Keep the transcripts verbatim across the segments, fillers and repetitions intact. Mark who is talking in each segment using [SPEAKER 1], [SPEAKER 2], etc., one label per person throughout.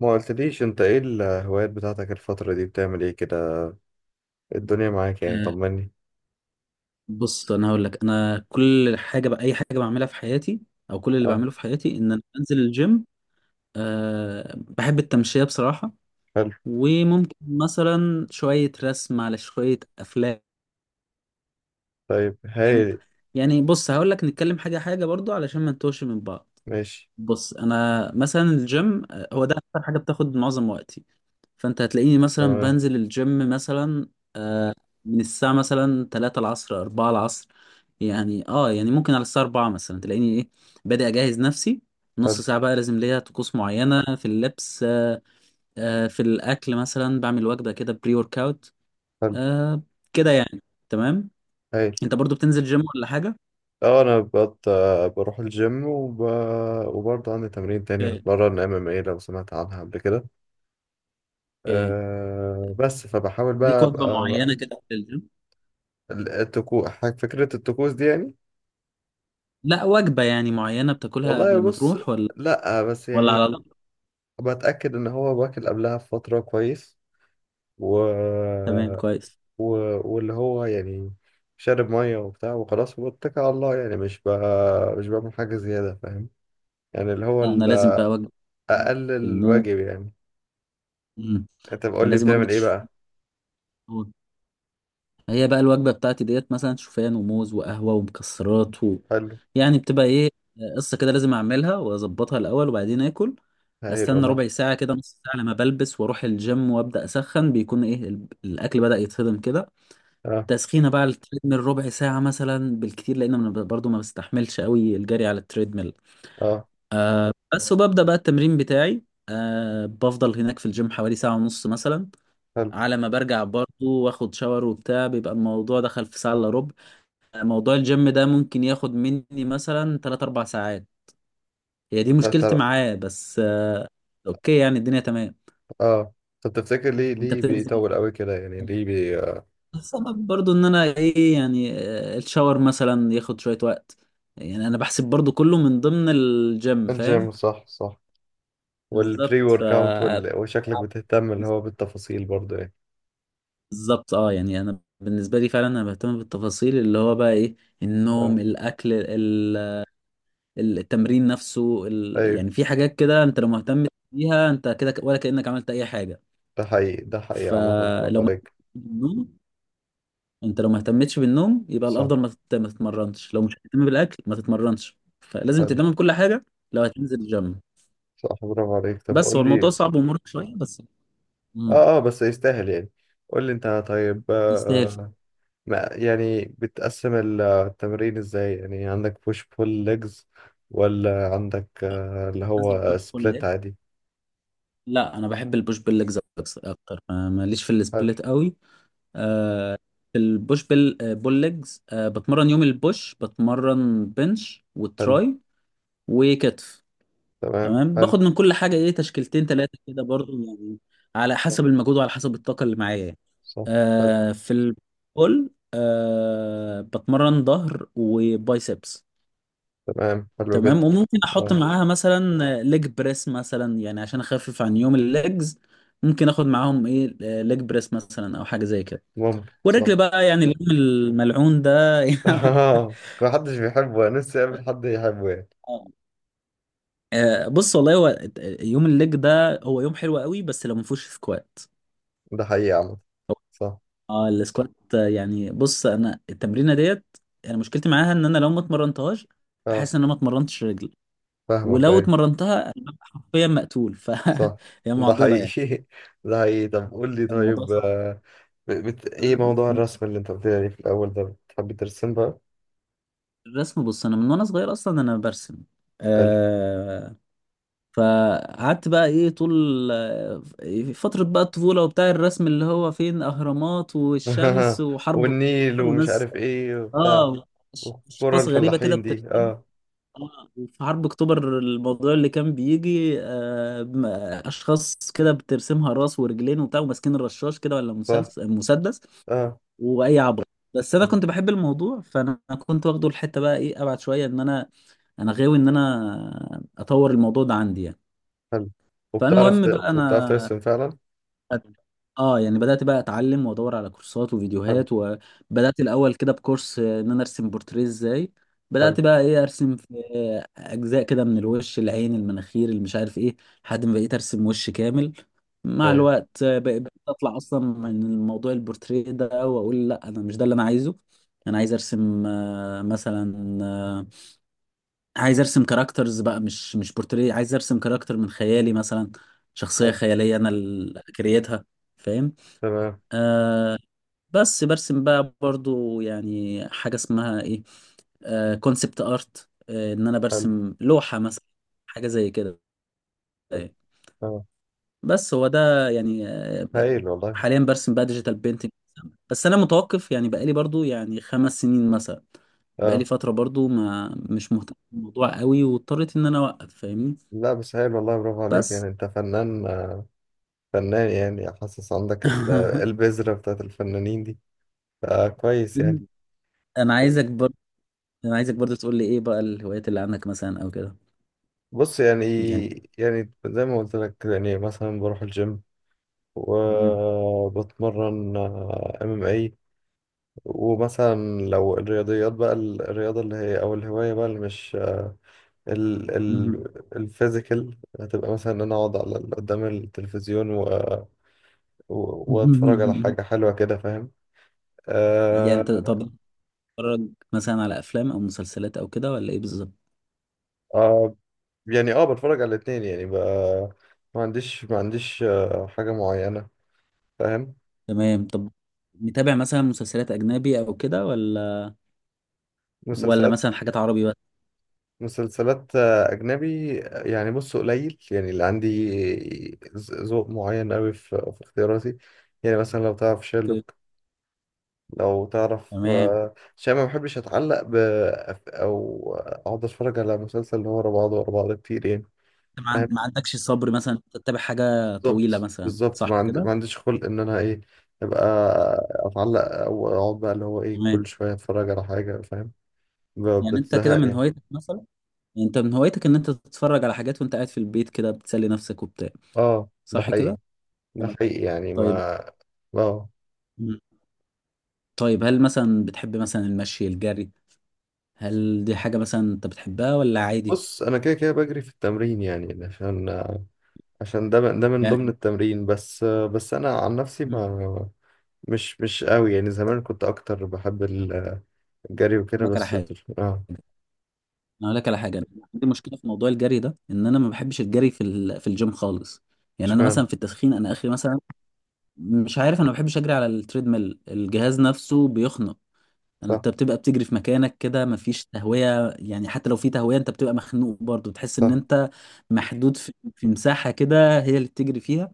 [SPEAKER 1] ما قلتليش انت، ايه الهوايات بتاعتك الفترة دي؟ بتعمل ايه كده؟ الدنيا معاك يعني؟
[SPEAKER 2] آه،
[SPEAKER 1] طمني.
[SPEAKER 2] بص انا هقول لك انا كل حاجه بقى اي حاجه بعملها في حياتي او كل اللي
[SPEAKER 1] اه.
[SPEAKER 2] بعمله في حياتي ان انا بنزل الجيم. أه بحب التمشيه بصراحه،
[SPEAKER 1] حلو.
[SPEAKER 2] وممكن مثلا شويه رسم على شويه افلام.
[SPEAKER 1] طيب، هايل.
[SPEAKER 2] يعني بص هقول لك نتكلم حاجه حاجه برضو علشان ما نتوهش من بعض.
[SPEAKER 1] ماشي.
[SPEAKER 2] بص انا مثلا الجيم، آه، هو ده اكتر حاجه بتاخد معظم وقتي. فانت هتلاقيني مثلا
[SPEAKER 1] تمام.
[SPEAKER 2] بنزل الجيم مثلا من الساعة مثلا ثلاثة العصر اربعة العصر. يعني اه يعني ممكن على الساعة اربعة مثلا تلاقيني ايه بادئ اجهز نفسي. نص
[SPEAKER 1] حلو.
[SPEAKER 2] ساعة بقى لازم ليا طقوس معينة في اللبس. آه آه في الأكل مثلا بعمل وجبة كده بري ورك اوت.
[SPEAKER 1] حلو.
[SPEAKER 2] آه كده يعني. تمام.
[SPEAKER 1] هايل.
[SPEAKER 2] انت برضو بتنزل جيم ولا حاجة؟
[SPEAKER 1] اه، انا بقت بروح الجيم وب... وبرضه عندي تمرين تاني،
[SPEAKER 2] اوكي.
[SPEAKER 1] بتمرن ام ام اي، لو سمعت عنها قبل كده.
[SPEAKER 2] اوكي،
[SPEAKER 1] أه، بس فبحاول
[SPEAKER 2] ليك
[SPEAKER 1] بقى
[SPEAKER 2] وجبة
[SPEAKER 1] ابقى بقى...
[SPEAKER 2] معينة كده في الجيم؟
[SPEAKER 1] التكو... فكرة الطقوس دي يعني.
[SPEAKER 2] لا، وجبة يعني معينة بتاكلها
[SPEAKER 1] والله،
[SPEAKER 2] قبل ما
[SPEAKER 1] بص.
[SPEAKER 2] تروح ولا
[SPEAKER 1] لا، بس
[SPEAKER 2] ولا
[SPEAKER 1] يعني،
[SPEAKER 2] على الله؟
[SPEAKER 1] بتأكد ان هو باكل قبلها بفترة كويس. و
[SPEAKER 2] تمام كويس.
[SPEAKER 1] و... واللي هو يعني شارب ميه وبتاع وخلاص واتكل على الله يعني، مش بقى مش بعمل حاجه زياده، فاهم. يعني اللي هو
[SPEAKER 2] لا، انا
[SPEAKER 1] ال-
[SPEAKER 2] لازم بقى وجبة
[SPEAKER 1] اقل
[SPEAKER 2] الموز.
[SPEAKER 1] الواجب يعني.
[SPEAKER 2] مم.
[SPEAKER 1] انت
[SPEAKER 2] انا
[SPEAKER 1] بقول لي
[SPEAKER 2] لازم وجبة
[SPEAKER 1] بتعمل ايه
[SPEAKER 2] الشوفان،
[SPEAKER 1] بقى؟
[SPEAKER 2] هي بقى الوجبة بتاعتي. ديت مثلا شوفان وموز وقهوة ومكسرات و...
[SPEAKER 1] حلو.
[SPEAKER 2] يعني بتبقى ايه قصة كده لازم اعملها واظبطها الاول وبعدين اكل.
[SPEAKER 1] هايل
[SPEAKER 2] استنى
[SPEAKER 1] والله.
[SPEAKER 2] ربع ساعة كده، نص ساعة، لما بلبس واروح الجيم وابدأ اسخن بيكون ايه ال- الاكل بدأ يتهضم كده.
[SPEAKER 1] اه،
[SPEAKER 2] تسخينة بقى على التريدميل ربع ساعة مثلا بالكتير لان انا برضو ما بستحملش قوي الجري على التريدميل.
[SPEAKER 1] اه.
[SPEAKER 2] آه بس وببدأ بقى التمرين بتاعي. آه بفضل هناك في الجيم حوالي ساعة ونص مثلا.
[SPEAKER 1] حلو.
[SPEAKER 2] على ما برجع برضو واخد شاور وبتاع، بيبقى الموضوع دخل في ساعة الا ربع. موضوع الجيم ده ممكن ياخد مني مثلا تلات اربع ساعات. هي دي
[SPEAKER 1] آه،
[SPEAKER 2] مشكلتي
[SPEAKER 1] ترى.
[SPEAKER 2] معاه بس. آه، اوكي يعني الدنيا تمام.
[SPEAKER 1] اه. طب تفتكر، ليه
[SPEAKER 2] انت
[SPEAKER 1] ليه
[SPEAKER 2] بتنزل؟
[SPEAKER 1] بيطول قوي كده يعني؟ ليه بي آه،
[SPEAKER 2] السبب برضو ان انا ايه يعني، آه، الشاور مثلا ياخد شوية وقت. يعني انا بحسب برضو كله من ضمن الجيم،
[SPEAKER 1] الجيم،
[SPEAKER 2] فاهم.
[SPEAKER 1] صح، صح.
[SPEAKER 2] بالظبط
[SPEAKER 1] والبري
[SPEAKER 2] ف
[SPEAKER 1] ورك اوت وال... وشكلك بتهتم اللي هو بالتفاصيل برضه يعني.
[SPEAKER 2] بالظبط اه يعني انا بالنسبة لي فعلا انا بهتم بالتفاصيل، اللي هو بقى ايه،
[SPEAKER 1] اه،
[SPEAKER 2] النوم، الاكل، التمرين نفسه، ال...
[SPEAKER 1] ايوه.
[SPEAKER 2] يعني في حاجات كده انت لو مهتم بيها انت كده ك- ولا كأنك عملت اي حاجة.
[SPEAKER 1] ده حقيقي، ده حقيقي عامة، برافو
[SPEAKER 2] فلو ما
[SPEAKER 1] عليك.
[SPEAKER 2] بالنوم، انت لو ما اهتمتش بالنوم يبقى
[SPEAKER 1] صح.
[SPEAKER 2] الافضل ما تت- ما تتمرنش، لو مش هتهتم بالاكل ما تتمرنش، فلازم
[SPEAKER 1] حلو.
[SPEAKER 2] تهتم بكل حاجة لو هتنزل الجيم.
[SPEAKER 1] صح، برافو عليك. طب
[SPEAKER 2] بس هو
[SPEAKER 1] قول
[SPEAKER 2] الموضوع
[SPEAKER 1] لي،
[SPEAKER 2] صعب ومرهق شوية بس.
[SPEAKER 1] اه،
[SPEAKER 2] مم.
[SPEAKER 1] اه، بس يستاهل يعني. قول لي انت، طيب. آه
[SPEAKER 2] يستاهل فعلاً.
[SPEAKER 1] آه، ما يعني، بتقسم ال- التمرين ازاي يعني؟ عندك بوش بول ليجز، ولا عندك آه اللي
[SPEAKER 2] تنزل بوش
[SPEAKER 1] هو
[SPEAKER 2] بول
[SPEAKER 1] سبليت
[SPEAKER 2] ليج؟
[SPEAKER 1] عادي؟
[SPEAKER 2] لا، انا بحب البوش بول ليجز اكتر. ما- ماليش في
[SPEAKER 1] حلو.
[SPEAKER 2] السبليت قوي. في البوش بال بول ليجز، آه، بتمرن يوم البوش بتمرن بنش
[SPEAKER 1] حلو.
[SPEAKER 2] وتراي وكتف.
[SPEAKER 1] تمام.
[SPEAKER 2] تمام،
[SPEAKER 1] حلو.
[SPEAKER 2] باخد من كل حاجه ايه تشكيلتين ثلاثه كده برضو، يعني على
[SPEAKER 1] صح،
[SPEAKER 2] حسب المجهود وعلى حسب الطاقه اللي معايا يعني.
[SPEAKER 1] صح. حلو.
[SPEAKER 2] آه في البول آه بتمرن ظهر وبايسبس.
[SPEAKER 1] تمام، حلو
[SPEAKER 2] تمام،
[SPEAKER 1] جدا.
[SPEAKER 2] وممكن احط
[SPEAKER 1] اه.
[SPEAKER 2] معاها مثلا ليج بريس مثلا، يعني عشان اخفف عن يوم الليجز. ممكن اخد معاهم ايه ليج بريس مثلا او حاجه زي كده.
[SPEAKER 1] ممكن، صح.
[SPEAKER 2] والرجل بقى يعني، اليوم الملعون ده.
[SPEAKER 1] اه، محدش بيحبه، انا نفسي اقابل حد يحبه يعني.
[SPEAKER 2] آه، آه، بص والله هو يوم الليج ده هو يوم حلو قوي بس لو ما فيهوش سكوات.
[SPEAKER 1] ده حقيقي عامة.
[SPEAKER 2] هو-
[SPEAKER 1] صح.
[SPEAKER 2] اه، السكوات، آه، يعني بص انا التمرينه ديت، انا مشكلتي معاها ان انا لو ما اتمرنتهاش
[SPEAKER 1] اه.
[SPEAKER 2] احس ان انا ما اتمرنتش رجلي.
[SPEAKER 1] فاهمك،
[SPEAKER 2] ولو
[SPEAKER 1] ايوه.
[SPEAKER 2] اتمرنتها فيا مقتول. ف
[SPEAKER 1] صح.
[SPEAKER 2] هي
[SPEAKER 1] ده
[SPEAKER 2] معضله يعني.
[SPEAKER 1] حقيقي. ده حقيقي. طب قول لي
[SPEAKER 2] الموضوع
[SPEAKER 1] طيب.
[SPEAKER 2] صعب.
[SPEAKER 1] آه، ب- بت... ايه
[SPEAKER 2] آه، بس-
[SPEAKER 1] موضوع الرسم اللي انت قلت لي عليه في الاول ده؟ بتحب ترسم بقى؟
[SPEAKER 2] الرسم، بص انا من وانا صغير اصلا انا برسم.
[SPEAKER 1] حلو.
[SPEAKER 2] آه، فقعدت بقى ايه طول في فترة بقى الطفولة وبتاع الرسم، اللي هو فين اهرامات والشمس وحرب
[SPEAKER 1] والنيل
[SPEAKER 2] اكتوبر
[SPEAKER 1] ومش
[SPEAKER 2] وناس،
[SPEAKER 1] عارف ايه وبتاع،
[SPEAKER 2] اه،
[SPEAKER 1] وكرة
[SPEAKER 2] اشخاص غريبة كده
[SPEAKER 1] الفلاحين دي،
[SPEAKER 2] بترسم.
[SPEAKER 1] اه.
[SPEAKER 2] اه، وفي حرب اكتوبر الموضوع اللي كان بيجي آه م- اشخاص كده بترسمها راس ورجلين وبتاع وماسكين الرشاش كده ولا
[SPEAKER 1] صح.
[SPEAKER 2] مسلسل مسدس
[SPEAKER 1] اه.
[SPEAKER 2] واي عبط. بس انا
[SPEAKER 1] مم.
[SPEAKER 2] كنت بحب الموضوع، فانا كنت واخده الحتة بقى ايه ابعد شوية، ان انا انا غاوي ان انا اطور الموضوع ده عندي يعني.
[SPEAKER 1] حلو. وبتعرف ت...
[SPEAKER 2] فالمهم بقى انا
[SPEAKER 1] وبتعرف ترسم فعلا؟
[SPEAKER 2] اه يعني بدات بقى اتعلم وادور على كورسات
[SPEAKER 1] حلو.
[SPEAKER 2] وفيديوهات. وبدات الاول كده بكورس، آه، ان انا ارسم بورتريه ازاي.
[SPEAKER 1] حلو.
[SPEAKER 2] بدات بقى ايه ارسم في آه، اجزاء كده من الوش، العين، المناخير، اللي مش عارف ايه، لحد ما بقيت ارسم وش كامل. مع
[SPEAKER 1] هايل.
[SPEAKER 2] الوقت، آه، بق- بقيت اطلع اصلا من الموضوع البورتريه ده واقول لا انا مش ده اللي انا عايزه. انا عايز ارسم، آه، مثلا، آه، عايز ارسم كاركترز بقى، مش مش بورتريه. عايز ارسم كاركتر من خيالي مثلا، شخصية
[SPEAKER 1] حلو.
[SPEAKER 2] خيالية انا اللي كريتها، فاهم.
[SPEAKER 1] تمام.
[SPEAKER 2] بس برسم بقى برضو يعني حاجة اسمها ايه كونسبت ارت، ان انا
[SPEAKER 1] حلو.
[SPEAKER 2] برسم لوحة مثلا، حاجة زي كده
[SPEAKER 1] حلو.
[SPEAKER 2] يعني.
[SPEAKER 1] اه.
[SPEAKER 2] بس هو ده يعني، آه، ب-
[SPEAKER 1] هايل والله.
[SPEAKER 2] حاليا برسم بقى ديجيتال بينتنج. بس انا متوقف يعني بقالي برضو يعني خمس سنين مثلا. بقالي
[SPEAKER 1] اه.
[SPEAKER 2] فترة برضو ما مش مهتم بالموضوع قوي واضطريت ان انا اوقف، فاهمني.
[SPEAKER 1] لا، بس هايل والله، برافو عليك
[SPEAKER 2] بس
[SPEAKER 1] يعني، انت فنان. آه، فنان يعني، حاسس عندك ال... البذرة بتاعت الفنانين دي. آه، كويس يعني.
[SPEAKER 2] مم. انا عايزك برضه، انا عايزك برضه تقول لي ايه بقى الهوايات اللي عندك مثلا او كده.
[SPEAKER 1] بص يعني،
[SPEAKER 2] يعني.
[SPEAKER 1] يعني زي ما قلت لك، يعني مثلا بروح الجيم،
[SPEAKER 2] مم.
[SPEAKER 1] وبتمرن ام ام اي. ومثلا لو الرياضيات بقى ال- الرياضة اللي هي، او الهواية بقى، اللي مش آه، ال ال
[SPEAKER 2] مم.
[SPEAKER 1] الفيزيكال، هتبقى مثلا ان انا اقعد على ال- قدام التلفزيون و و- واتفرج على حاجة حلوة كده، فاهم.
[SPEAKER 2] يعني انت طب
[SPEAKER 1] آه.
[SPEAKER 2] بتتفرج مثلا على افلام او مسلسلات او كده ولا ايه بالظبط؟
[SPEAKER 1] آه، يعني اه، بتفرج على الاتنين يعني بقى. ما عنديش ما عنديش آه، حاجة معينة، فاهم.
[SPEAKER 2] تمام. طب متابع مثلا مسلسلات اجنبي او كده، ولا ولا
[SPEAKER 1] مسلسلات
[SPEAKER 2] مثلا حاجات عربي بس؟
[SPEAKER 1] مسلسلات آه، أجنبي، آه، يعني بص، قليل يعني اللي عندي. ذ- ذوق معين أوي في في اختياراتي، يعني مثلا لو تعرف
[SPEAKER 2] اوكي.
[SPEAKER 1] شيرلوك، لو تعرف.
[SPEAKER 2] تمام.
[SPEAKER 1] آه، عشان ما بحبش أتعلق ب أو أقعد أتفرج على مسلسل اللي هو ورا بعضه ورا بعضه كتير يعني،
[SPEAKER 2] انت ما عن-
[SPEAKER 1] فاهم.
[SPEAKER 2] ما عندكش الصبر مثلا انت تتابع حاجه طويله
[SPEAKER 1] بالظبط،
[SPEAKER 2] مثلا،
[SPEAKER 1] بالظبط.
[SPEAKER 2] صح
[SPEAKER 1] ما عندي ما
[SPEAKER 2] كده؟
[SPEAKER 1] عنديش خلق إن أنا إيه، أبقى أتعلق، أو أقعد بقى اللي هو إيه،
[SPEAKER 2] تمام.
[SPEAKER 1] كل شوية أتفرج على حاجة، فاهم. ب-
[SPEAKER 2] يعني انت كده
[SPEAKER 1] بتزهق
[SPEAKER 2] من
[SPEAKER 1] يعني.
[SPEAKER 2] هوايتك مثلا، يعني انت من هوايتك ان انت تتفرج على حاجات وانت قاعد في البيت كده بتسلي نفسك وبتاع،
[SPEAKER 1] آه، ده
[SPEAKER 2] صح
[SPEAKER 1] حقيقي.
[SPEAKER 2] كده؟
[SPEAKER 1] ده حقيقي يعني.
[SPEAKER 2] طيب.
[SPEAKER 1] ما اه.
[SPEAKER 2] مم. طيب، هل مثلا بتحب مثلا المشي، الجري، هل دي حاجة مثلا انت بتحبها ولا عادي
[SPEAKER 1] بص، انا كده كده بجري في التمرين يعني، عشان عشان ده ده من ضمن
[SPEAKER 2] يعني؟
[SPEAKER 1] التمرين، بس بس انا عن نفسي،
[SPEAKER 2] مم.
[SPEAKER 1] ما مش مش قوي يعني، زمان كنت اكتر بحب الجري وكده،
[SPEAKER 2] أقول لك على
[SPEAKER 1] بس
[SPEAKER 2] حاجة،
[SPEAKER 1] دل- اه.
[SPEAKER 2] انا اقول لك على حاجة. أنا عندي مشكلة في موضوع الجري ده، ان انا ما بحبش الجري في ال... في الجيم خالص. يعني انا
[SPEAKER 1] اشمعنى؟
[SPEAKER 2] مثلا في التسخين انا اخري مثلا. مش عارف، انا ما بحبش اجري على التريدميل. الجهاز نفسه بيخنق، يعني
[SPEAKER 1] صح.
[SPEAKER 2] انت بتبقى بتجري في مكانك كده، مفيش تهوية، يعني حتى لو في تهوية انت بتبقى مخنوق برضه. بتحس ان
[SPEAKER 1] صح.
[SPEAKER 2] انت محدود في, في مساحة كده هي اللي بتجري فيها.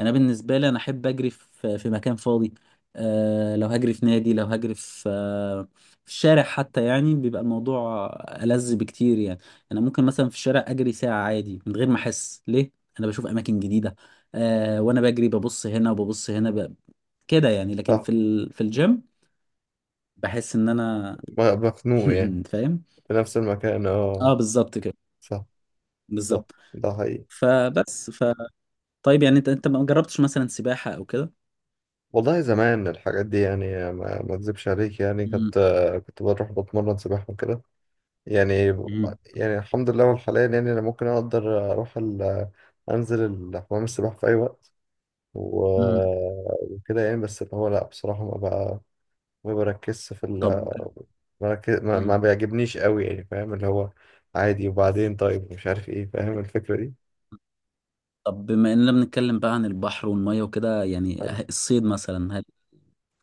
[SPEAKER 2] انا بالنسبه لي انا احب اجري في في مكان فاضي. أه، لو هجري في نادي، لو هجري في، آه، في الشارع حتى، يعني بيبقى الموضوع ألذ بكتير يعني. انا ممكن مثلا في الشارع اجري ساعه عادي من غير ما احس ليه. انا بشوف اماكن جديده، أه، وانا بجري ببص هنا وببص هنا ب... كده يعني. لكن
[SPEAKER 1] صح.
[SPEAKER 2] في ال... في الجيم بحس ان انا
[SPEAKER 1] م- مخنوق يعني،
[SPEAKER 2] فاهم.
[SPEAKER 1] في نفس المكان، اه.
[SPEAKER 2] اه، بالظبط كده.
[SPEAKER 1] صح. صح.
[SPEAKER 2] بالظبط.
[SPEAKER 1] ده حقيقي.
[SPEAKER 2] فبس ف طيب يعني انت، انت ما جربتش مثلا سباحه او كده؟
[SPEAKER 1] والله زمان الحاجات دي يعني، ما ما اكذبش عليك يعني،
[SPEAKER 2] امم.
[SPEAKER 1] كنت كنت بروح بتمرن سباحة وكده يعني. يعني الحمد لله، والحاليا يعني انا ممكن اقدر اروح ال... انزل ال- حمام السباحه في اي وقت و...
[SPEAKER 2] امم.
[SPEAKER 1] وكده يعني، بس اللي هو لا بصراحه ما بقى، ما بركزش في
[SPEAKER 2] طب.
[SPEAKER 1] ال... بركز... ما... ما
[SPEAKER 2] مم.
[SPEAKER 1] بيعجبنيش قوي يعني، فاهم، اللي هو عادي. وبعدين طيب مش عارف ايه، فاهم الفكره دي.
[SPEAKER 2] طب، بما اننا بنتكلم بقى عن البحر والميه وكده يعني، الصيد مثلا، هل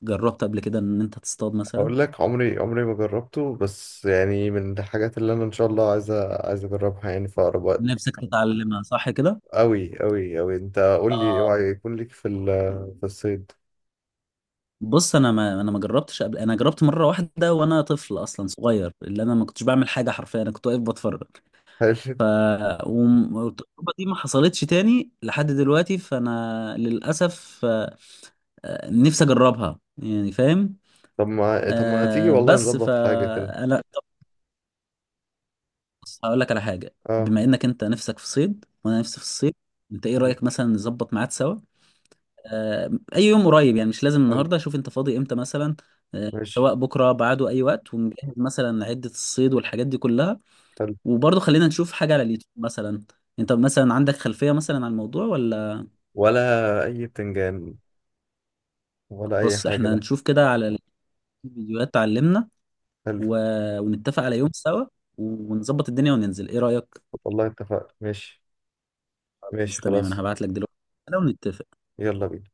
[SPEAKER 2] جربت قبل كده ان انت تصطاد مثلا؟
[SPEAKER 1] اقول لك، عمري عمري ما جربته، بس يعني من الحاجات اللي انا ان شاء الله عايز أ- عايز اجربها يعني في اقرب وقت.
[SPEAKER 2] نفسك تتعلمها، صح كده.
[SPEAKER 1] قوي قوي قوي. انت قول لي،
[SPEAKER 2] آه
[SPEAKER 1] اوعى يكون ليك في ال... في الصيد؟
[SPEAKER 2] بص انا ما انا ما جربتش قبل، انا جربت مره واحده وانا طفل اصلا صغير، اللي انا ما كنتش بعمل حاجه حرفيا، انا كنت واقف بتفرج.
[SPEAKER 1] هل
[SPEAKER 2] ف وم- والتجربه دي ما حصلتش تاني لحد دلوقتي، فانا للاسف، آه، آه، نفسي اجربها يعني، فاهم.
[SPEAKER 1] طب ما طب ما تيجي
[SPEAKER 2] آه
[SPEAKER 1] والله
[SPEAKER 2] بس
[SPEAKER 1] نظبط حاجة كده.
[SPEAKER 2] فانا بص هقول لك على حاجة،
[SPEAKER 1] اه.
[SPEAKER 2] بما انك انت نفسك في صيد وانا نفسي في الصيد، انت ايه
[SPEAKER 1] حلو.
[SPEAKER 2] رأيك مثلا نظبط ميعاد سوا؟ آه اي يوم قريب يعني، مش لازم
[SPEAKER 1] حلو.
[SPEAKER 2] النهاردة، شوف انت فاضي امتى مثلا. آه
[SPEAKER 1] ماشي.
[SPEAKER 2] سواء بكرة بعده، اي وقت، ونجهز مثلا عدة الصيد والحاجات دي كلها.
[SPEAKER 1] حلو.
[SPEAKER 2] وبرضه خلينا نشوف حاجة على اليوتيوب مثلا، انت مثلا عندك خلفية مثلا عن الموضوع ولا؟
[SPEAKER 1] ولا أي بتنجان، ولا أي
[SPEAKER 2] بص
[SPEAKER 1] حاجة،
[SPEAKER 2] احنا
[SPEAKER 1] لا.
[SPEAKER 2] نشوف كده على الفيديوهات تعلمنا
[SPEAKER 1] حلو.
[SPEAKER 2] و... ونتفق على يوم سوا ونظبط الدنيا وننزل، ايه رأيك؟
[SPEAKER 1] والله، اتفقنا. ماشي.
[SPEAKER 2] بس
[SPEAKER 1] ماشي،
[SPEAKER 2] تمام،
[SPEAKER 1] خلاص.
[SPEAKER 2] انا هبعت لك دلوقتي ونتفق.
[SPEAKER 1] يلا بينا.